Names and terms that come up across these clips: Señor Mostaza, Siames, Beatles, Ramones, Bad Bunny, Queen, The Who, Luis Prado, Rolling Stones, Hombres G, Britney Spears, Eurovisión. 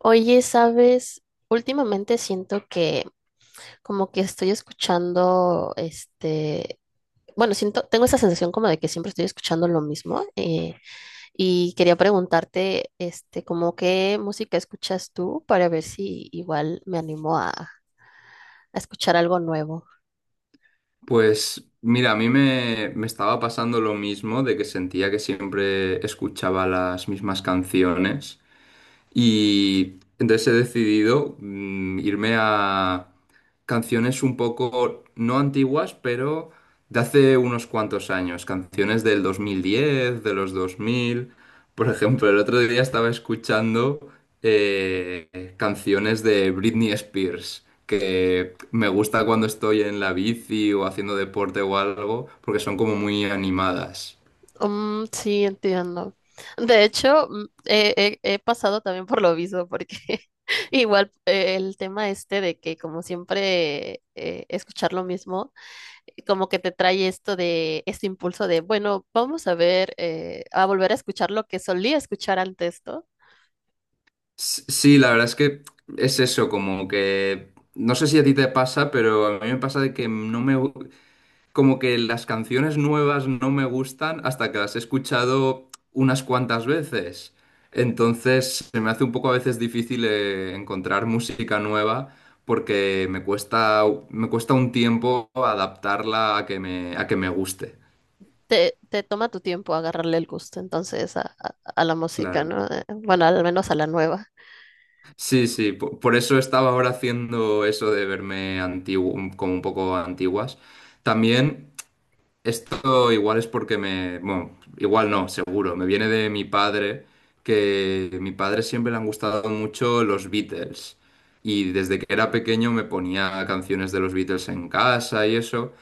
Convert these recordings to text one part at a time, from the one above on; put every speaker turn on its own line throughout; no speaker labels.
Oye, ¿sabes? Últimamente siento que como que estoy escuchando, bueno, siento, tengo esa sensación como de que siempre estoy escuchando lo mismo, y quería preguntarte, como qué música escuchas tú para ver si igual me animo a escuchar algo nuevo.
Pues mira, a mí me estaba pasando lo mismo de que sentía que siempre escuchaba las mismas canciones y entonces he decidido irme a canciones un poco, no antiguas, pero de hace unos cuantos años. Canciones del 2010, de los 2000. Por ejemplo, el otro día estaba escuchando canciones de Britney Spears, que me gusta cuando estoy en la bici o haciendo deporte o algo, porque son como muy animadas.
Mm, sí, entiendo. De hecho, he pasado también por lo mismo, porque igual el tema este de que como siempre escuchar lo mismo, como que te trae esto de este impulso de, bueno, vamos a ver, a volver a escuchar lo que solía escuchar antes, ¿no?
Sí, la verdad es que es eso, como que no sé si a ti te pasa, pero a mí me pasa de que no me gu- como que las canciones nuevas no me gustan hasta que las he escuchado unas cuantas veces. Entonces se me hace un poco a veces difícil encontrar música nueva porque me cuesta un tiempo adaptarla a que me guste.
Te toma tu tiempo agarrarle el gusto entonces a, a la música,
Claro.
¿no? Bueno, al menos a la nueva.
Sí, sí, por eso estaba ahora haciendo eso de verme antiguo, como un poco antiguas. También esto igual es porque bueno, igual no, seguro, me viene de mi padre, que mi padre siempre le han gustado mucho los Beatles. Y desde que era pequeño me ponía canciones de los Beatles en casa y eso.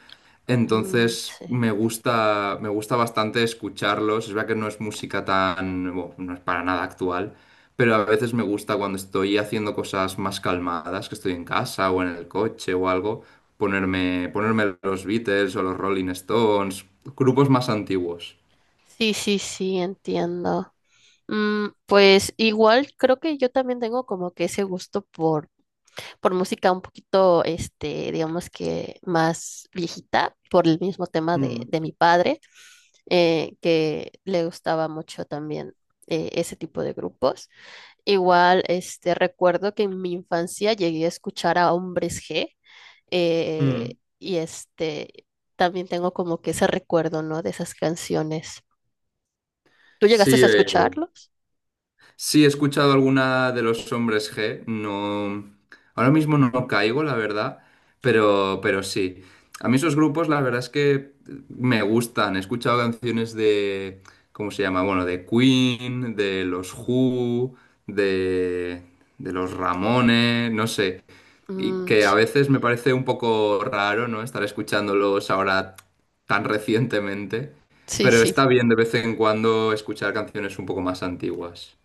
Mm,
Entonces
sí.
me gusta bastante escucharlos. Es verdad que no es música tan, bueno, no es para nada actual, pero a veces me gusta cuando estoy haciendo cosas más calmadas, que estoy en casa o en el coche o algo, ponerme los Beatles o los Rolling Stones, grupos más antiguos.
Sí, sí, sí, entiendo. Mm, pues igual creo que yo también tengo como que ese gusto por música un poquito, digamos que más viejita, por el mismo tema
Mm,
de mi padre, que le gustaba mucho también ese tipo de grupos. Igual, recuerdo que en mi infancia llegué a escuchar a Hombres G,
mm.
eh, y este, también tengo como que ese recuerdo, ¿no? De esas canciones. ¿Tú llegaste
Sí,
a escucharlos?
sí, he escuchado alguna de los hombres G. No, ahora mismo no caigo, la verdad, pero sí. A mí esos grupos, la verdad es que me gustan. He escuchado canciones de, ¿cómo se llama? Bueno, de Queen, de los Who, de, de los Ramones, no sé. Y
Mm,
que a
sí.
veces me parece un poco raro, ¿no? Estar escuchándolos ahora tan recientemente.
Sí,
Pero
sí.
está bien de vez en cuando escuchar canciones un poco más antiguas.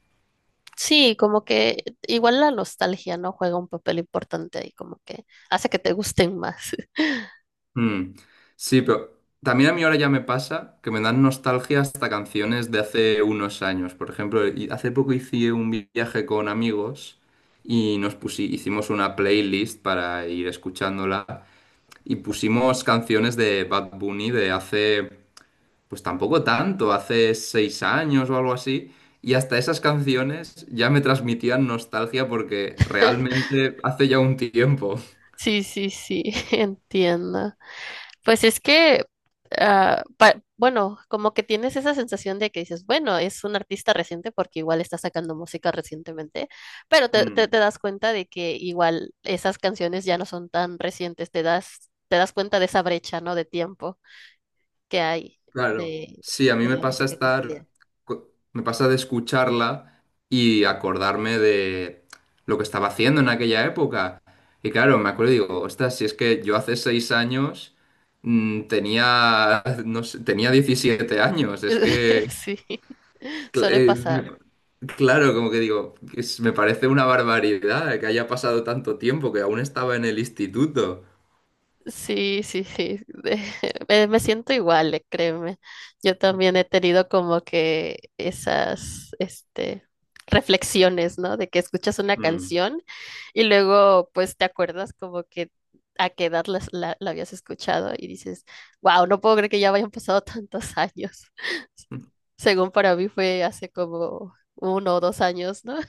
Sí, como que igual la nostalgia, ¿no? Juega un papel importante ahí, como que hace que te gusten más.
Mm. Sí, pero también a mí ahora ya me pasa que me dan nostalgia hasta canciones de hace unos años. Por ejemplo, hace poco hice un viaje con amigos y hicimos una playlist para ir escuchándola y pusimos canciones de Bad Bunny de hace, pues tampoco tanto, hace 6 años o algo así. Y hasta esas canciones ya me transmitían nostalgia porque realmente hace ya un tiempo.
Sí, sí, sí, entiendo. Pues es que, bueno, como que tienes esa sensación de que dices, bueno, es un artista reciente porque igual está sacando música recientemente, pero
Mm.
te das cuenta de que igual esas canciones ya no son tan recientes, te das cuenta de esa brecha, ¿no? De tiempo que hay
Claro,
de,
sí, a mí
de
me
la
pasa
música que salía.
me pasa de escucharla y acordarme de lo que estaba haciendo en aquella época. Y claro, me acuerdo y digo, ostras, si es que yo hace 6 años tenía, no sé, tenía 17 años, es que,
Sí,
cl-
suele
eh, me-
pasar.
claro, como que digo, me parece una barbaridad que haya pasado tanto tiempo, que aún estaba en el instituto.
Sí, sí, sí. Me siento igual, créeme. Yo también he tenido como que esas, reflexiones, ¿no? De que escuchas una
Mm.
canción y luego, pues, te acuerdas como que a qué edad la habías escuchado y dices, wow, no puedo creer que ya hayan pasado tantos años. Según para mí fue hace como uno o dos años, ¿no?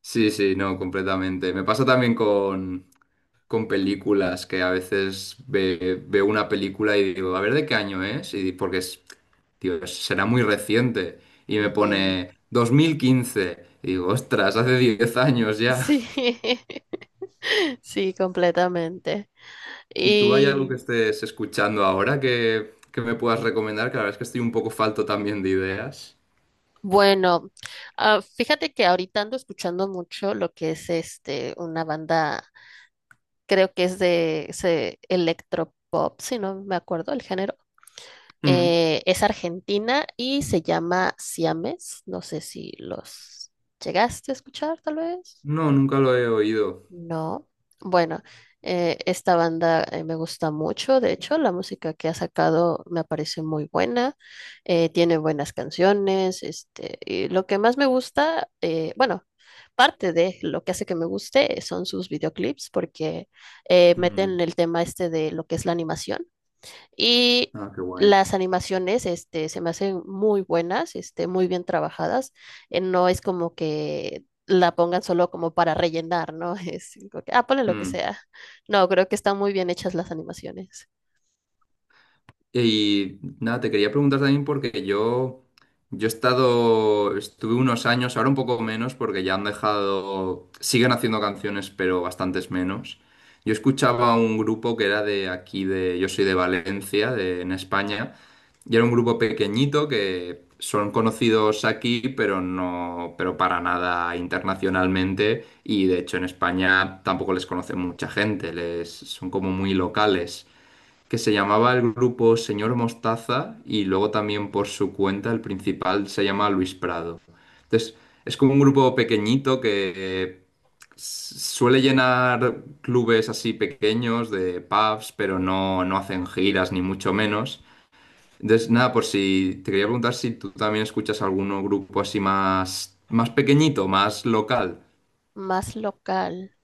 Sí, sí, no, completamente. Me pasa también con películas que a veces veo una película y digo, a ver de qué año es, porque es, tío, será muy reciente. Y me
Ujú.
pone 2015. Y digo, ostras, hace 10 años ya.
Sí. Sí, completamente.
¿Y tú hay algo que
Y
estés escuchando ahora que me puedas recomendar? Que la verdad es que estoy un poco falto también de ideas.
bueno, fíjate que ahorita ando escuchando mucho lo que es una banda, creo que es de ese electropop, si no me acuerdo el género.
Mm.
Es argentina y se llama Siames. No sé si los llegaste a escuchar, tal vez.
No, nunca lo he oído.
No, bueno, esta banda, me gusta mucho, de hecho, la música que ha sacado me parece muy buena, tiene buenas canciones, y lo que más me gusta, bueno, parte de lo que hace que me guste son sus videoclips, porque
Mm.
meten el tema este de lo que es la animación. Y
Ah, qué guay.
las animaciones, se me hacen muy buenas, muy bien trabajadas. No es como que la pongan solo como para rellenar, ¿no? Es como que, ah, ponle lo que
Mm.
sea. No, creo que están muy bien hechas las animaciones.
Y nada, te quería preguntar también porque yo estuve unos años, ahora un poco menos porque ya han dejado, siguen haciendo canciones, pero bastantes menos. Yo escuchaba un grupo que era de aquí, yo soy de Valencia, en España, y era un grupo pequeñito que son conocidos aquí, pero no, pero para nada internacionalmente, y de hecho en España tampoco les conoce mucha gente, son como muy locales que se llamaba el grupo Señor Mostaza y luego también por su cuenta el principal se llama Luis Prado. Entonces, es como un grupo pequeñito que suele llenar clubes así pequeños de pubs, pero no, no hacen giras ni mucho menos. Entonces, nada, por si te quería preguntar si tú también escuchas algún grupo así más pequeñito, más local.
Más local.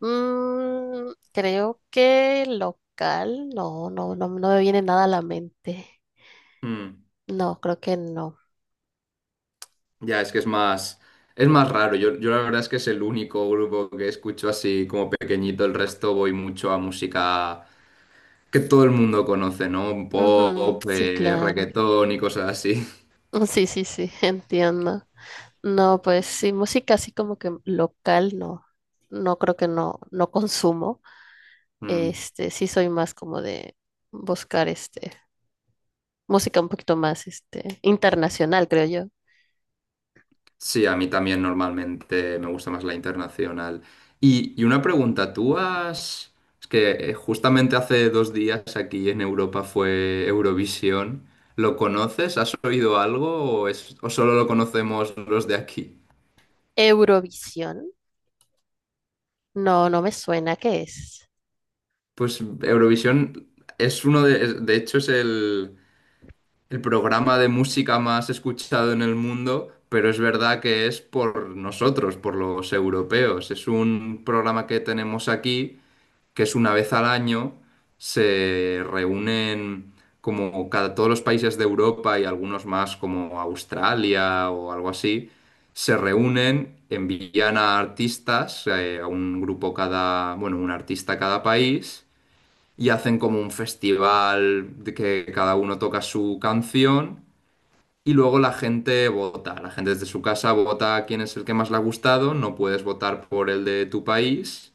Mm, creo que local, no, no, no, no me viene nada a la mente.
Mm.
No, creo que no.
Ya, es que es más raro. Yo la verdad es que es el único grupo que escucho así como pequeñito. El resto voy mucho a música que todo el mundo conoce, ¿no?
Ujú,
Pop,
sí, claro.
reggaetón y cosas así.
Sí, sí, sí, entiendo. No, pues sí, música así como que local, no, no creo que no, no consumo.
Mm.
Este, sí soy más como de buscar música un poquito más internacional, creo yo.
Sí, a mí también normalmente me gusta más la internacional. Y una pregunta, tú has... Es que justamente hace 2 días aquí en Europa fue Eurovisión. ¿Lo conoces? ¿Has oído algo o solo lo conocemos los de aquí?
Eurovisión, no, no me suena, ¿qué es?
Pues Eurovisión es uno de, es- de hecho es el programa de música más escuchado en el mundo, pero es verdad que es por nosotros, por los europeos. Es un programa que tenemos aquí, que es una vez al año, se reúnen como todos los países de Europa y algunos más como Australia o algo así, se reúnen, envían a artistas, a un grupo cada, bueno, un artista a cada país y hacen como un festival de que cada uno toca su canción y luego la gente vota. La gente desde su casa vota quién es el que más le ha gustado, no puedes votar por el de tu país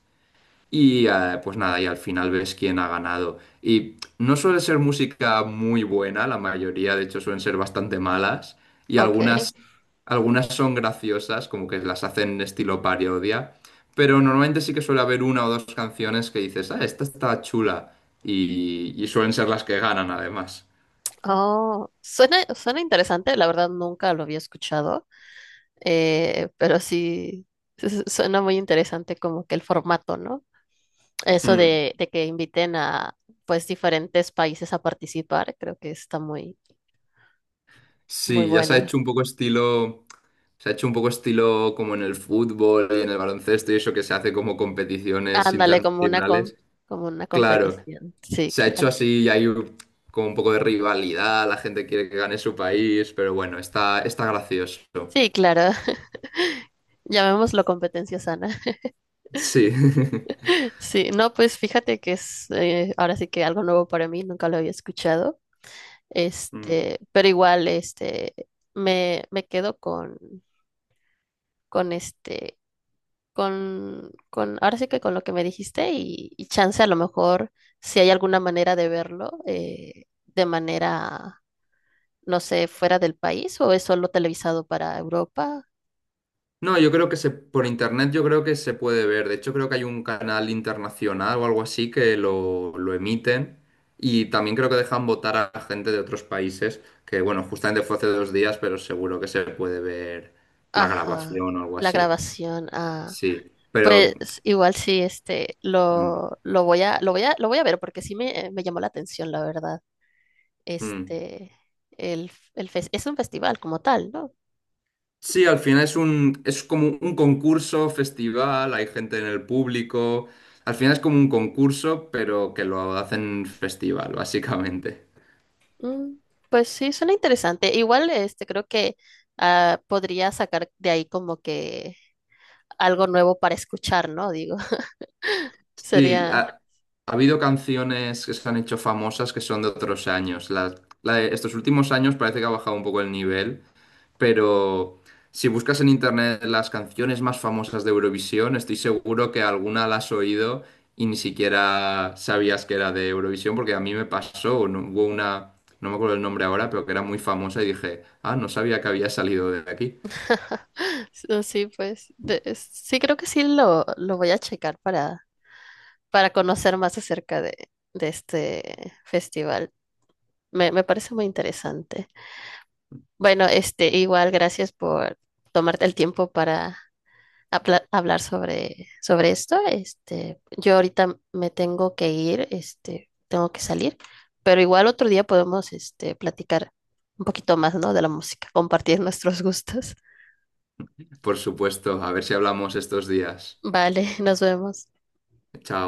y pues nada, y al final ves quién ha ganado. Y no suele ser música muy buena, la mayoría de hecho suelen ser bastante malas. Y
Ok.
algunas son graciosas, como que las hacen estilo parodia. Pero normalmente sí que suele haber una o dos canciones que dices, ah, esta está chula. Y suelen ser las que ganan además.
Oh, suena, suena interesante, la verdad nunca lo había escuchado, pero sí suena muy interesante como que el formato, ¿no? Eso
Mm.
de que inviten a pues diferentes países a participar, creo que está muy, muy
Sí, ya se ha
bueno.
hecho un poco estilo... Se ha hecho un poco estilo como en el fútbol y en el baloncesto y eso que se hace como competiciones
Ándale,
internacionales.
como una
Claro,
competición. Sí,
se ha hecho
claro.
así y hay como un poco de rivalidad, la gente quiere que gane su país, pero bueno, está gracioso.
Sí, claro. Llamémoslo competencia sana.
Sí.
Sí, no, pues fíjate que es ahora sí que algo nuevo para mí, nunca lo había escuchado.
Mm.
Este, pero igual, me quedo con este, con ahora sí que con lo que me dijiste y chance a lo mejor si hay alguna manera de verlo de manera, no sé, fuera del país o es solo televisado para Europa.
No, yo creo por internet yo creo que se puede ver. De hecho, creo que hay un canal internacional o algo así que lo emiten. Y también creo que dejan votar a gente de otros países, que bueno, justamente fue hace 2 días, pero seguro que se puede ver la
Ajá,
grabación o algo
la
así.
grabación. Ah,
Sí, pero.
pues igual sí,
Mm,
lo voy a ver porque sí me llamó la atención, la verdad.
mm.
este, el, es un festival como tal, ¿no?
Sí, al final es como un concurso, festival, hay gente en el público. Al final es como un concurso, pero que lo hacen festival, básicamente.
Mm, pues sí, suena interesante. Igual, creo que podría sacar de ahí como que algo nuevo para escuchar, ¿no? Digo,
Sí, ha,
sería,
ha habido canciones que se han hecho famosas que son de otros años. La de estos últimos años parece que ha bajado un poco el nivel, pero si buscas en internet las canciones más famosas de Eurovisión, estoy seguro que alguna la has oído y ni siquiera sabías que era de Eurovisión, porque a mí me pasó, hubo una, no me acuerdo el nombre ahora, pero que era muy famosa y dije, ah, no sabía que había salido de aquí.
sí, pues, sí, creo que sí lo voy a checar para conocer más acerca de este festival. Me parece muy interesante. Bueno, igual, gracias por tomarte el tiempo para hablar sobre, sobre esto. Este, yo ahorita me tengo que ir, tengo que salir, pero igual otro día podemos, platicar un poquito más, ¿no? De la música, compartir nuestros gustos.
Por supuesto, a ver si hablamos estos días.
Vale, nos vemos.
Chao.